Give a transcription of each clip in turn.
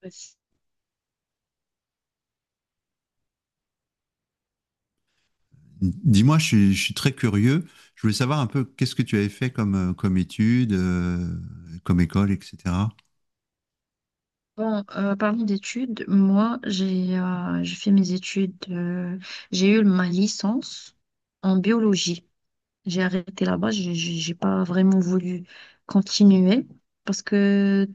Bon, Dis-moi, je suis très curieux. Je voulais savoir un peu qu'est-ce que tu avais fait comme, comme études, comme école, etc. Parlant d'études, moi, j'ai fait mes études, j'ai eu ma licence en biologie. J'ai arrêté là-bas, j'ai pas vraiment voulu continuer parce que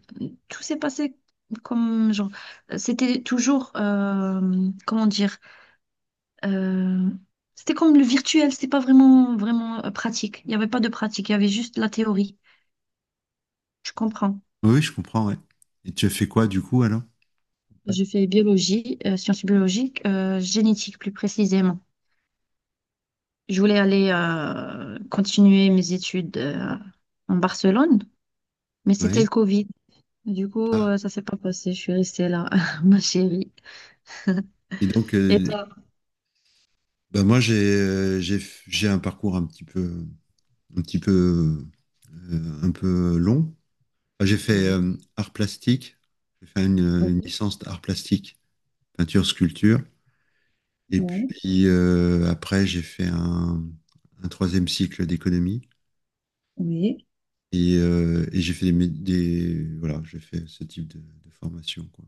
tout s'est passé comme genre, c'était toujours, comment dire, euh, c'était comme le virtuel, c'était pas vraiment, vraiment pratique. Il n'y avait pas de pratique, il y avait juste la théorie. Je comprends. Oui, je comprends, ouais. Et tu as fait quoi du coup alors? Ouais. Je fais biologie, sciences biologiques, génétique plus précisément. Je voulais aller continuer mes études en Barcelone, mais c'était le Oui. Covid. Du coup, Ah. Ça s'est pas passé. Je suis restée là, ma chérie. Et donc, Et toi? bah, moi, j'ai un parcours un petit peu, un peu long. Enfin, j'ai fait Oui, art plastique. J'ai fait une oui, licence d'art plastique, peinture, sculpture. Et oui, puis après, un troisième cycle d'économie. oui. Et j'ai fait voilà, j'ai fait ce type de formation, quoi.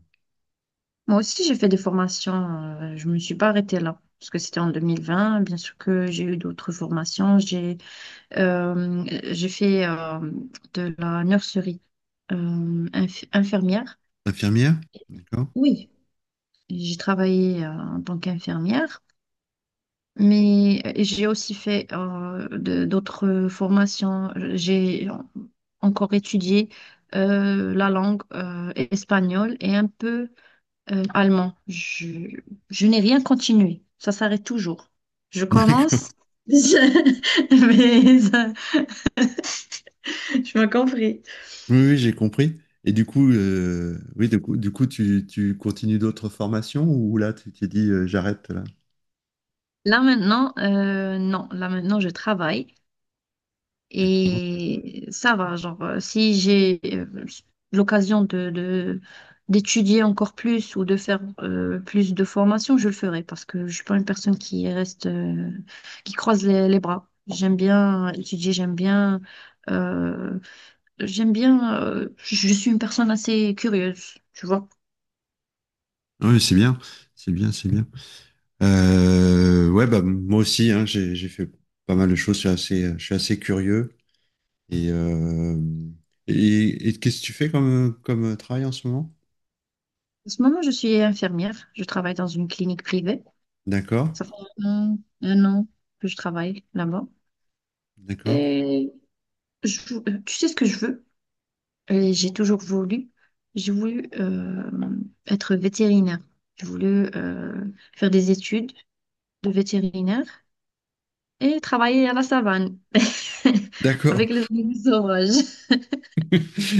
Moi aussi, j'ai fait des formations. Je me suis pas arrêtée là. Parce que c'était en 2020, bien sûr que j'ai eu d'autres formations. Euh, j'ai fait de la nurserie infirmière. Infirmière? D'accord. Oui, j'ai travaillé en tant qu'infirmière, mais j'ai aussi fait d'autres formations. J'ai encore étudié la langue espagnole et un peu allemand. Je n'ai rien continué. Ça s'arrête toujours. Je D'accord. commence, je- mais ça- je m'as compris. Oui, oui, j'ai compris. Et du coup, oui, du coup, tu continues d'autres formations ou là, tu t'es dit, j'arrête là. Là maintenant, non, là maintenant je travaille. D'accord. Et ça va, genre, si j'ai l'occasion d'étudier encore plus ou de faire plus de formations, je le ferai parce que je suis pas une personne qui reste, qui croise les bras. J'aime bien étudier, euh, j'aime bien, je suis une personne assez curieuse, tu vois. Oui, c'est bien, c'est bien. Ouais, bah moi aussi, hein, j'ai fait pas mal de choses. Je suis je suis assez curieux. Et, euh, et qu'est-ce que tu fais comme, comme travail en ce moment? En ce moment, je suis infirmière, je travaille dans une clinique privée. D'accord, Ça fait un an que je travaille là-bas. d'accord, Et je- tu sais ce que je veux? Et j'ai toujours voulu, j'ai voulu être vétérinaire. J'ai voulu faire des études de vétérinaire et travailler à la savane d'accord. avec les animaux sauvages.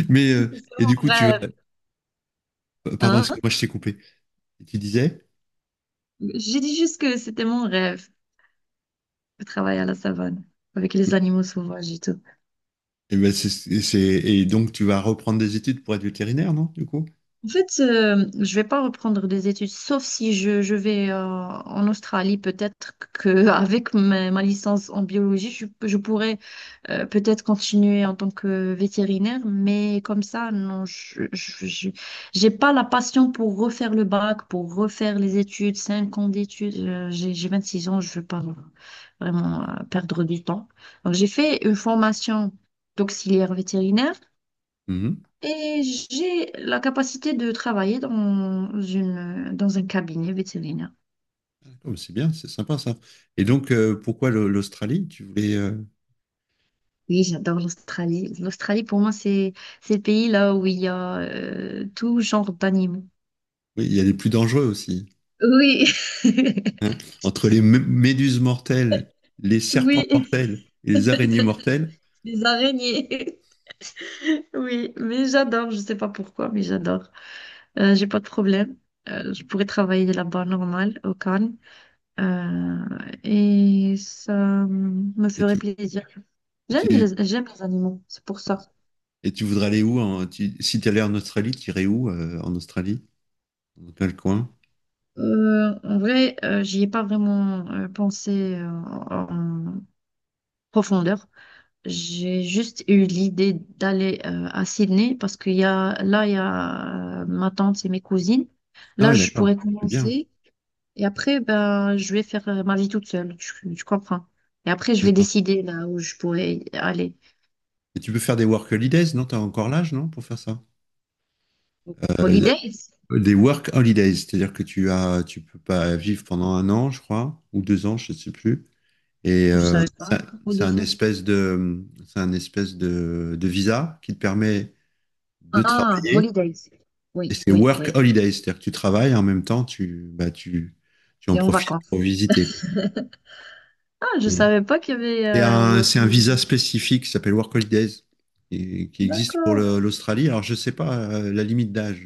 Mais C'est et mon du coup, tu rêve, vas. Pardon, hein? excuse-moi, je t'ai coupé. Tu disais? J'ai dit juste que c'était mon rêve de travailler à la savane avec les animaux sauvages et tout. Et, ben, et donc, tu vas reprendre des études pour être vétérinaire, non, du coup? En fait, je vais pas reprendre des études, sauf si je vais en Australie, peut-être qu'avec ma licence en biologie, je pourrais peut-être continuer en tant que vétérinaire, mais comme ça, non, j'ai pas la passion pour refaire le bac, pour refaire les études, cinq ans d'études. J'ai 26 ans, je veux pas vraiment perdre du temps. Donc, j'ai fait une formation d'auxiliaire vétérinaire Mhm. et j'ai la capacité de travailler dans dans un cabinet vétérinaire. D'accord, mais c'est bien, c'est sympa ça. Et donc, pourquoi l'Australie? Tu voulais. Oui, j'adore l'Australie. L'Australie, pour moi, c'est le pays là où il y a tout genre d'animaux. Oui, il y a les plus dangereux aussi, Oui, hein. Entre les méduses mortelles, les serpents oui, mortels et les araignées mortelles. les araignées. Oui, mais j'adore, je sais pas pourquoi, mais j'adore. J'ai pas de problème. Je pourrais travailler là-bas normal, au calme. Euh, et ça me Et ferait tu, plaisir. et J'aime tu, j'aime les animaux, c'est pour ça. et tu voudrais aller où si tu allais en Australie, tu irais où en Australie? Dans quel coin? En vrai, j'y ai pas vraiment pensé en profondeur. J'ai juste eu l'idée d'aller à Sydney parce qu'il y a là il y a ma tante et mes cousines. Ah Là oui, je d'accord. pourrais C'est bien. commencer et après ben je vais faire ma vie toute seule. Tu comprends? Et après je vais décider là où je pourrais aller. Et tu peux faire des work holidays, non? Tu as encore l'âge, non, pour faire ça? Euh, Holidays? des work holidays, c'est-à-dire que tu as, tu peux pas vivre pendant un an, je crois, ou deux ans, je ne sais plus. Et Je savais pas trop de c'est un ça. espèce de, c'est un espèce de, de visa qui te permet de Ah, travailler. holidays. Et Oui, c'est oui, work oui. holidays, c'est-à-dire que tu travailles et en même temps, tu en C'est en profites pour vacances. visiter, quoi. Ah, je Et savais pas qu'il y avait un work c'est un visa holiday. spécifique qui s'appelle work holidays et qui existe pour D'accord. l'Australie. Alors, je sais pas la limite d'âge.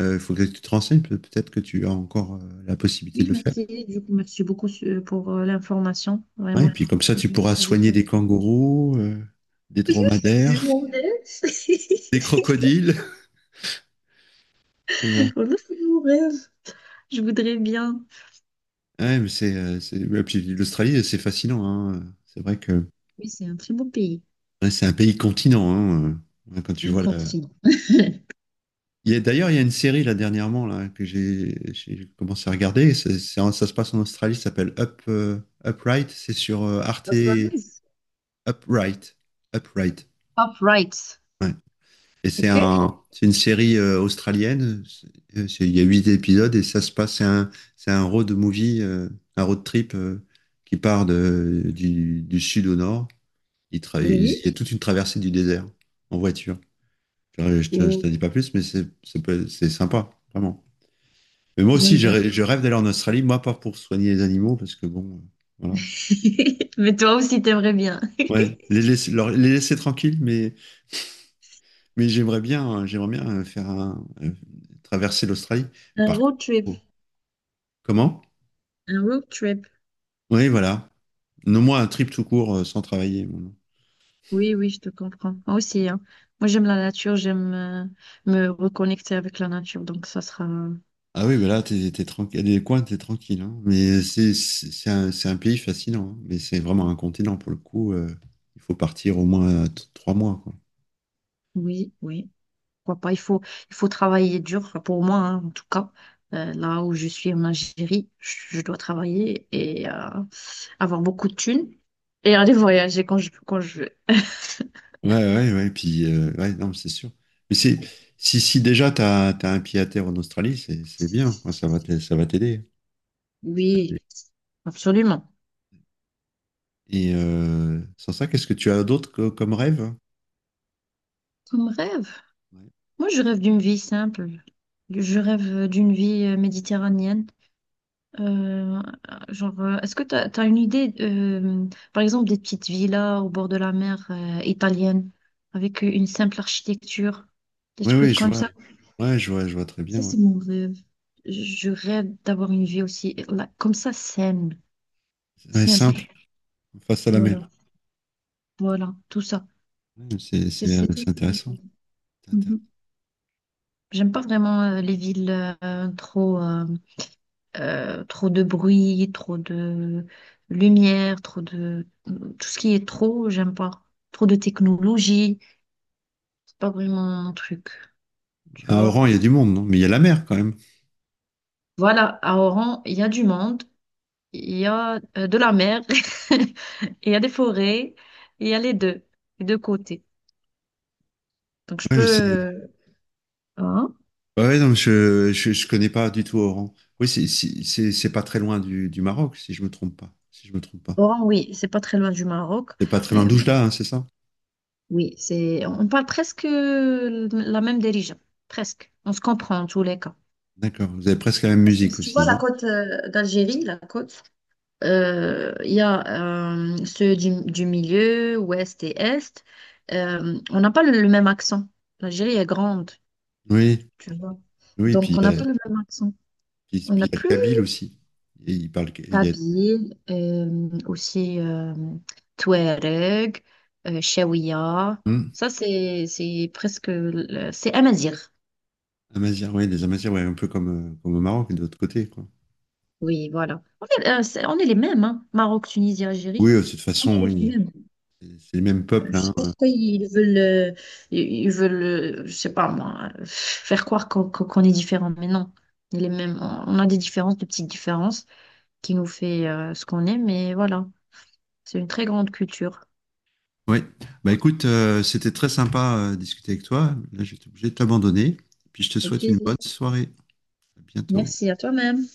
Il faut que tu te renseignes, peut-être que tu as encore la possibilité de Oui, le faire. merci. Du coup, merci beaucoup pour l'information, Ouais, et vraiment. puis comme ça, tu Je ne pourras savais soigner pas. des kangourous, des C'est dromadaires, mon rêve. des crocodiles. Et, Voilà, c'est mon rêve. Je voudrais bien. ouais, mais et puis l'Australie, c'est fascinant, hein. C'est vrai que Oui, c'est un très beau pays, ouais, c'est un pays continent, hein, ouais, quand tu un vois la... continent. Il y a- d'ailleurs, il y a une série là dernièrement là que j'ai commencé à regarder. Ça se passe en Australie, ça s'appelle Up Upright. C'est sur Arte Surprise. Upright. Upright. Upright. Ouais. Et Ok? C'est une série australienne. C'est- Il y a huit épisodes et ça se passe. C'est un road movie, un road trip qui part de, du sud au nord. Il il Oui. y a toute une traversée du désert en voiture. Je te Oh, dis pas plus, mais c'est sympa, vraiment. Mais moi j'aime aussi, bien. Je rêve d'aller en Australie, moi pas pour soigner les animaux, parce que bon, voilà. Mais toi aussi, t'aimerais bien. Ouais, les laisser tranquilles, mais j'aimerais bien faire un, traverser l'Australie. Un Par road trip. contre, comment? Un road trip. Oui, voilà. Nomme-moi un trip tout court sans travailler, bon. Oui, oui, je te comprends. Moi aussi, hein. Moi, j'aime la nature, j'aime me reconnecter avec la nature, donc ça sera... Ah oui, bah là, t'es tranquille. Des coins, t'es tranquille, hein. Mais c'est un pays fascinant, hein. Mais c'est vraiment un continent pour le coup. Euh, il faut partir au moins trois mois, quoi. Oui, oui. Pourquoi pas? Il faut travailler dur, enfin, pour moi, hein, en tout cas. Là où je suis en Algérie, je dois travailler et avoir beaucoup de thunes et aller voyager quand quand je veux. Ouais. Puis, ouais, non, mais c'est sûr. Mais c'est si, si déjà t'as un pied à terre en Australie, c'est bien, quoi. Ça va t'aider. Oui, absolument. Et sans ça, qu'est-ce que tu as d'autre comme rêve? Comme rêve. Moi, je rêve d'une vie simple. Je rêve d'une vie méditerranéenne. Euh, genre, est-ce que tu as, une idée, par exemple, des petites villas au bord de la mer italienne avec une simple architecture, des Oui, trucs oui, je comme vois. ça? Ouais, je vois très Ça, bien, ouais. c'est mon rêve. Je rêve d'avoir une vie aussi, là, comme ça, saine, Ouais, simple. simple, face à la mer. Voilà, voilà, tout ça. Ouais, C'est c'est tout. c'est intéressant. C'est intéressant. Mhm. J'aime pas vraiment les villes euh, trop, euh, trop de bruit, trop de lumière, trop de... Tout ce qui est trop, j'aime pas. Trop de technologie, c'est pas vraiment mon truc, tu À vois. Oran, il y a du monde, non? Mais il y a la mer quand même. Voilà, à Oran, il y a du monde, il y a de la mer, il y a des forêts, il y a les deux côtés. Donc je peux... Ouais, c'est- euh, Hein? ouais, ouais, non, je connais pas du tout Oran. Oui, c'est pas très loin du Maroc, si je me trompe pas. Si je me trompe pas. Oran, oui, c'est pas très loin du Maroc, C'est pas très loin mais d'Oujda, hein, c'est ça? oui, c'est... On parle presque la même dérision, presque. On se comprend en tous les cas. D'accord. Vous avez presque la même Parce que musique si tu vois aussi, la non? côte d'Algérie, la côte, il y a ceux du milieu, ouest et est. On n'a pas le même accent. L'Algérie est grande, Oui, tu vois. oui. Et Donc, puis on il n'a y a, pas le même accent. On a puis il y a le plus Kabyle aussi. Et il parle, il y a Kabyle, aussi Touareg, Chaouia. hum, Ça, c'est presque. C'est Amazigh. Amazirs, ouais, des Amazirs, ouais, un peu comme, comme au Maroc, de l'autre côté, quoi. Oui, voilà. En fait, On est, les mêmes, hein. Maroc, Tunisie, Algérie. Oui, de toute On façon, est les oui. mêmes. C'est les mêmes peuples, Je sais hein. pas pourquoi ils veulent, ils ils veulent, je sais pas moi, faire croire qu'on est différents. Mais non, on est les mêmes. On a des différences, de petites différences qui nous fait ce qu'on est. Mais voilà, c'est une très grande culture. Oui, bah écoute, c'était très sympa de discuter avec toi. Là, je vais être obligé de t'abandonner. Puis je te Au souhaite une plaisir. bonne soirée. À bientôt. Merci à toi-même.